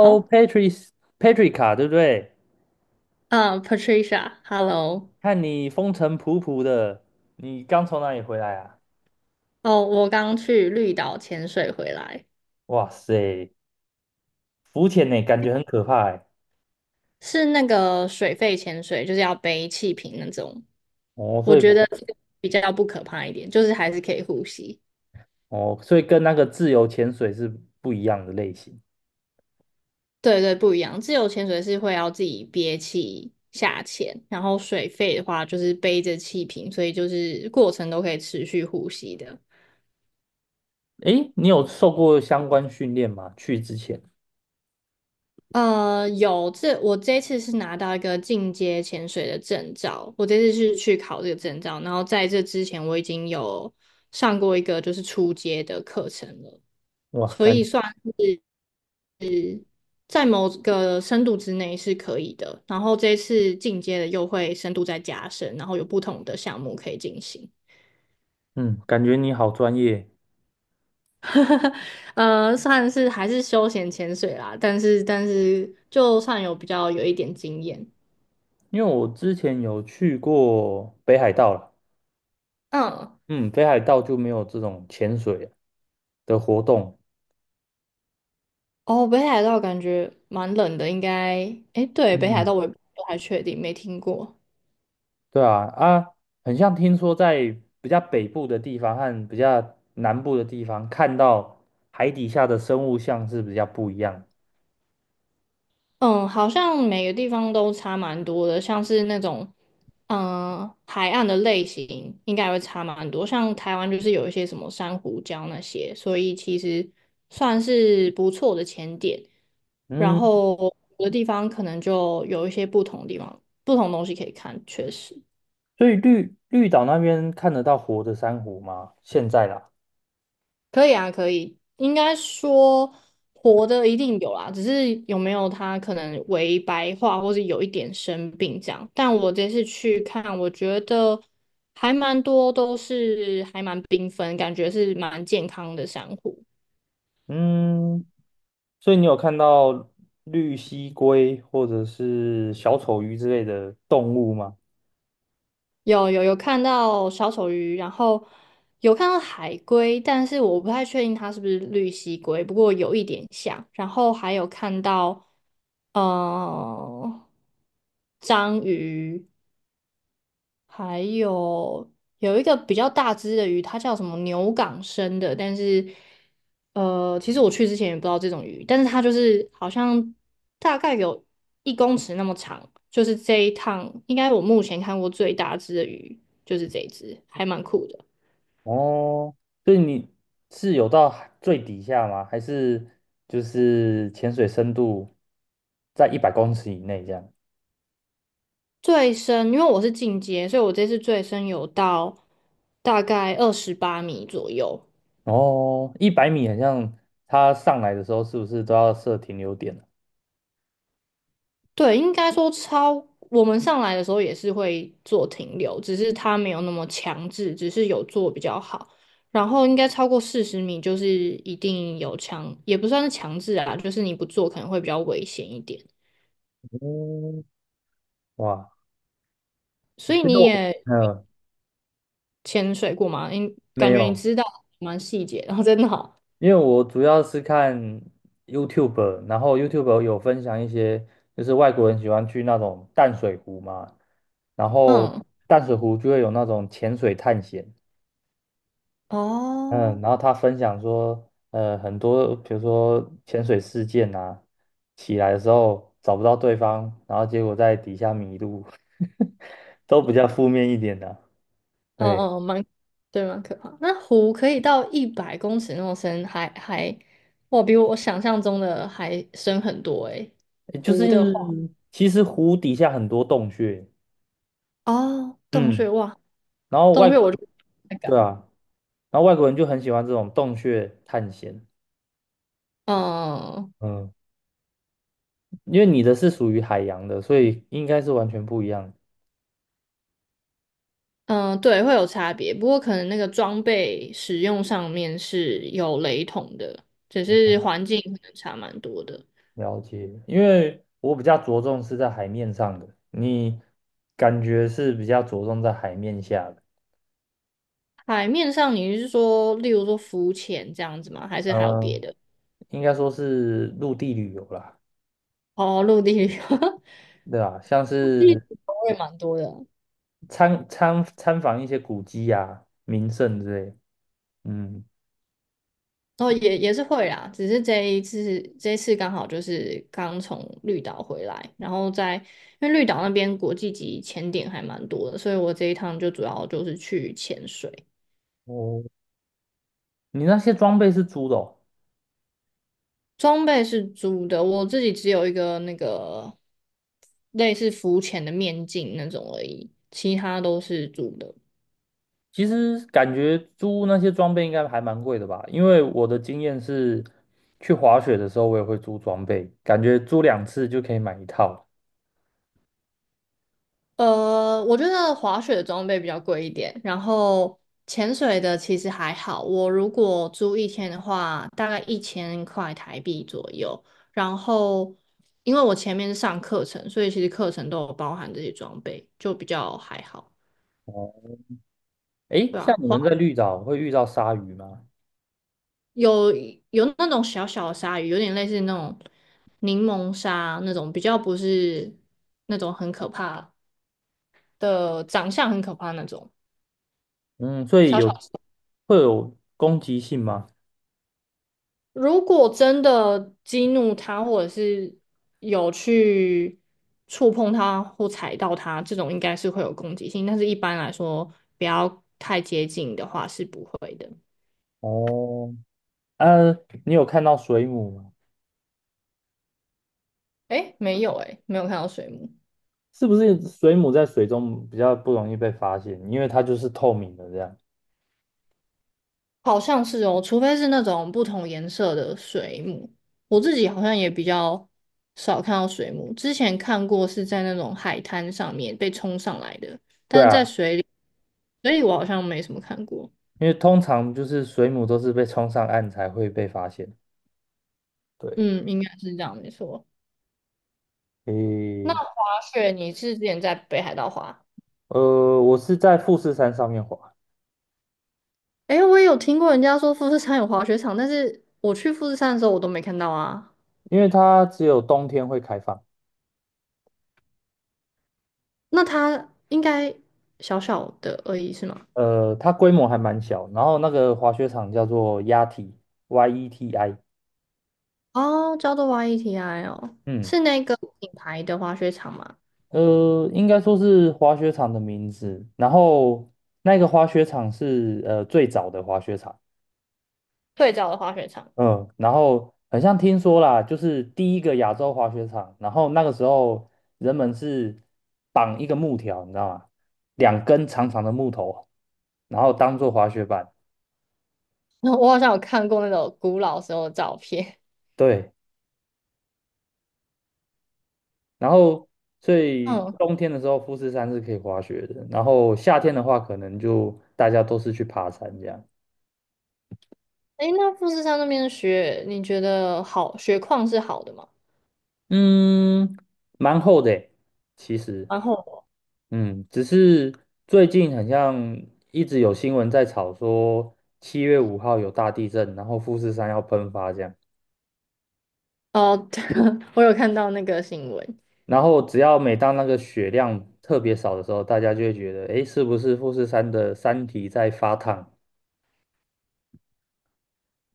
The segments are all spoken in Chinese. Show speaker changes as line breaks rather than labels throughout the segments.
哦，
Patrica，对不对？
嗯，Patricia，Hello，
看你风尘仆仆的，你刚从哪里回来啊？
哦，我刚去绿岛潜水回来，
哇塞，浮潜呢，感觉很可怕哎。
是那个水肺潜水，就是要背气瓶那种。
哦，
我
所以
觉
不
得这个比较不可怕一点，就是还是可以呼吸。
哦，所以跟那个自由潜水是不一样的类型。
对对，不一样。自由潜水是会要自己憋气下潜，然后水肺的话就是背着气瓶，所以就是过程都可以持续呼吸的。
诶，你有受过相关训练吗？去之前，
我这一次是拿到一个进阶潜水的证照，我这次是去考这个证照，然后在这之前我已经有上过一个就是初阶的课程了，
哇，
所以算在某个深度之内是可以的。然后这一次进阶的又会深度再加深，然后有不同的项目可以进行。
嗯，感觉你好专业。
算是还是休闲潜水啦，但是就算有比较有一点经验，
因为我之前有去过北海道了，
嗯。
嗯，北海道就没有这种潜水的活动。
哦，北海道感觉蛮冷的，应该，诶，对，北海
嗯。
道我也不太确定，没听过。
对啊，很像听说在比较北部的地方和比较南部的地方，看到海底下的生物像是比较不一样。
嗯，好像每个地方都差蛮多的，像是那种，海岸的类型应该也会差蛮多。像台湾就是有一些什么珊瑚礁那些，所以其实算是不错的前点。然
嗯，
后有的地方可能就有一些不同地方、不同东西可以看，确实。
所以绿岛那边看得到活的珊瑚吗？现在啦，
可以啊，可以。应该说活的一定有啦，只是有没有它可能微白化，或是有一点生病这样。但我这次去看，我觉得还蛮多都是还蛮缤纷，感觉是蛮健康的珊瑚。
嗯，所以你有看到绿蜥龟或者是小丑鱼之类的动物吗？
有看到小丑鱼，然后有看到海龟，但是我不太确定它是不是绿蜥龟，不过有一点像。然后还有看到呃章鱼，还有有一个比较大只的鱼，它叫什么牛港生的，但是其实我去之前也不知道这种鱼，但是它就是好像大概有1公尺那么长，就是这一趟应该我目前看过最大只的鱼就是这一只，还蛮酷的。
哦，所以你是有到海最底下吗？还是就是潜水深度在100公尺以内这样？
最深，因为我是进阶，所以我这次最深有到大概28米左右。
哦，100米好像它上来的时候是不是都要设停留点呢？
对，应该说，我们上来的时候也是会做停留，只是它没有那么强制，只是有做比较好。然后应该超过40米就是一定有强，也不算是强制啊，就是你不做可能会比较危险一点。
嗯，哇，
所以
其实
你
我
也潜水过吗？你
没
感觉你
有，
知道蛮细节，然后真的好，
因为我主要是看 YouTube，然后 YouTube 有分享一些，就是外国人喜欢去那种淡水湖嘛，然后
嗯。
淡水湖就会有那种潜水探险，嗯，
哦。
然后他分享说，很多比如说潜水事件啊，起来的时候找不到对方，然后结果在底下迷路，都比较负面一点的啊。
嗯
对，
嗯，对，蛮可怕。那湖可以到100公尺那么深，哇，比我想象中的还深很多诶。
诶就
湖的话，
是其实湖底下很多洞穴，
哦，洞穴，
嗯，
哇，
然后
洞
外
穴
国
我
人，
就不太
对
敢。
啊，然后外国人就很喜欢这种洞穴探险，
嗯
嗯，因为你的是属于海洋的，所以应该是完全不一样。
嗯，对，会有差别，不过可能那个装备使用上面是有雷同的，只是环境可能差蛮多的。
了解，因为我比较着重是在海面上的，你感觉是比较着重在海面下的，
海面上你是说，例如说浮潜这样子吗？还是还有别
嗯，
的？
应该说是陆地旅游啦，
哦，陆地旅游，
对吧？像
陆地
是
我也蛮多的。
参访一些古迹啊、名胜之类的，嗯，
哦，也是会啦，只是这一次刚好就是刚从绿岛回来，然后因为绿岛那边国际级潜点还蛮多的，所以我这一趟就主要就是去潜水。
哦，你那些装备是租的哦？
装备是租的，我自己只有一个那个类似浮潜的面镜那种而已，其他都是租的。
其实感觉租那些装备应该还蛮贵的吧，因为我的经验是，去滑雪的时候我也会租装备，感觉租两次就可以买一套。
我觉得滑雪的装备比较贵一点，然后潜水的其实还好。我如果租1天的话，大概1000块台币左右。然后，因为我前面是上课程，所以其实课程都有包含这些装备，就比较还好。
诶，
对
像
啊，
你们在绿岛会遇到鲨鱼吗？
有有那种小小的鲨鱼，有点类似那种柠檬鲨那种，比较不是那种很可怕的，长相很可怕那种。
嗯，所以
小
有
小。
会有攻击性吗？
如果真的激怒它，或者是有去触碰它或踩到它，这种应该是会有攻击性，但是一般来说，不要太接近的话是不会的。
哦，呃，你有看到水母吗？
诶，没有诶，没有看到水母，
是不是水母在水中比较不容易被发现，因为它就是透明的这样？
好像是哦，除非是那种不同颜色的水母。我自己好像也比较少看到水母，之前看过是在那种海滩上面被冲上来的，
对啊，
所以我好像没什么看过。
因为通常就是水母都是被冲上岸才会被发现。对，
嗯，应该是这样，没错。那。
诶，
雪，你是之前在北海道滑？
我是在富士山上面滑，
诶，我也有听过人家说富士山有滑雪场，但是我去富士山的时候我都没看到啊。
因为它只有冬天会开放。
那它应该小小的而已是吗？
它规模还蛮小，然后那个滑雪场叫做 YETI，
哦，叫做 YETI 哦，
嗯，
是那个品牌的滑雪场吗？
应该说是滑雪场的名字。然后那个滑雪场是最早的滑雪场，
最早的滑雪场，
嗯，然后好像听说啦，就是第一个亚洲滑雪场。然后那个时候人们是绑一个木条，你知道吗？两根长长的木头，然后当做滑雪板。
我好像有看过那种古老时候的照片。
对，然后所 以
嗯，
冬天的时候富士山是可以滑雪的，然后夏天的话可能就大家都是去爬山这样。
诶，那富士山那边的雪，你觉得雪况是好的吗？
嗯，蛮厚的诶其实，
然后
只是最近好像一直有新闻在炒说7月5号有大地震，然后富士山要喷发这样，
哦，对我有看到那个新闻，
然后只要每当那个雪量特别少的时候，大家就会觉得，诶，是不是富士山的山体在发烫？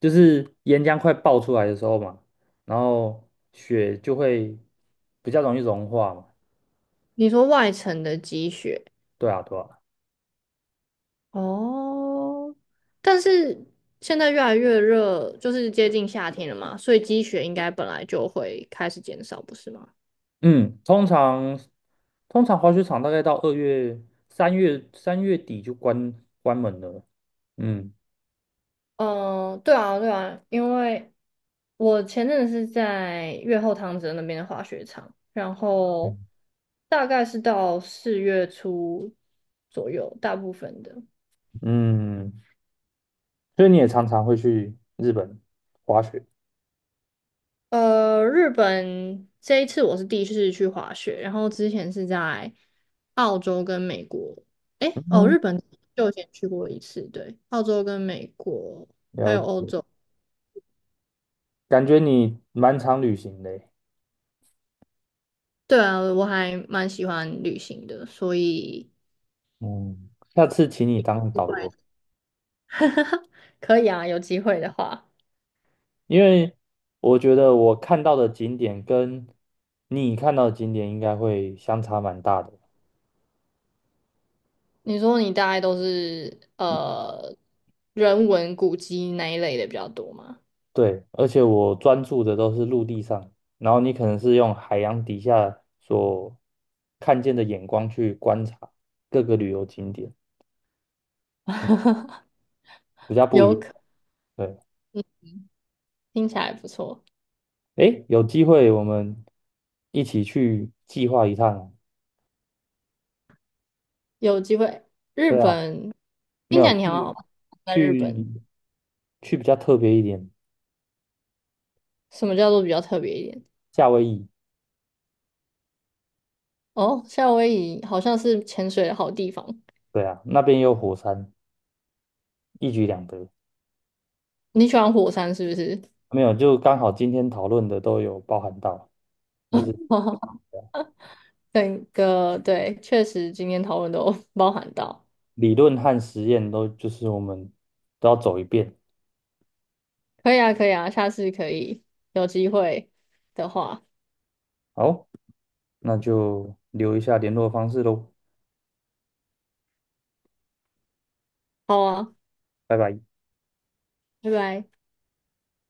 就是岩浆快爆出来的时候嘛，然后雪就会比较容易融化嘛，
你说外层的积雪。
对啊，对啊。
哦，但是现在越来越热，就是接近夏天了嘛，所以积雪应该本来就会开始减少，不是吗？
嗯，通常通常滑雪场大概到2月、三月、3月底就关门了。嗯
嗯，对啊，对啊，因为我前阵子是在越后汤泽那边的滑雪场，然后
嗯，
大概是到4月初左右，大部分的。
嗯，所以你也常常会去日本滑雪。
日本这一次我是第一次去滑雪，然后之前是在澳洲跟美国，诶，哦，
嗯，
日本就以前去过一次，对，澳洲跟美国还
了
有欧
解，
洲，
感觉你蛮常旅行的欸。
对啊，我还蛮喜欢旅行的，所以
嗯，下次请你当导游，
可以啊，有机会的话，
因为我觉得我看到的景点跟你看到的景点应该会相差蛮大的。
你说你大概都是人文古迹那一类的比较多吗？
对，而且我专注的都是陆地上，然后你可能是用海洋底下所看见的眼光去观察各个旅游景点，比较不一
有
样。
可，
对，
听起来不错。
诶，有机会我们一起去计划一趟啊。
有机会，日
对啊，
本
没
听起
有
来你好像在日
去
本，
去比较特别一点，
什么叫做比较特别一点？
夏威夷。
哦，夏威夷好像是潜水的好地方。
对啊，那边也有火山，一举两得。
你喜欢火山是不是？
没有，就刚好今天讨论的都有包含到，就是。
整个对，确实今天讨论都 包含到。
理论和实验都就是我们都要走一遍。
可以啊，可以啊，下次可以有机会的话，
好，那就留一下联络方式喽，
好啊，
拜拜。
拜拜。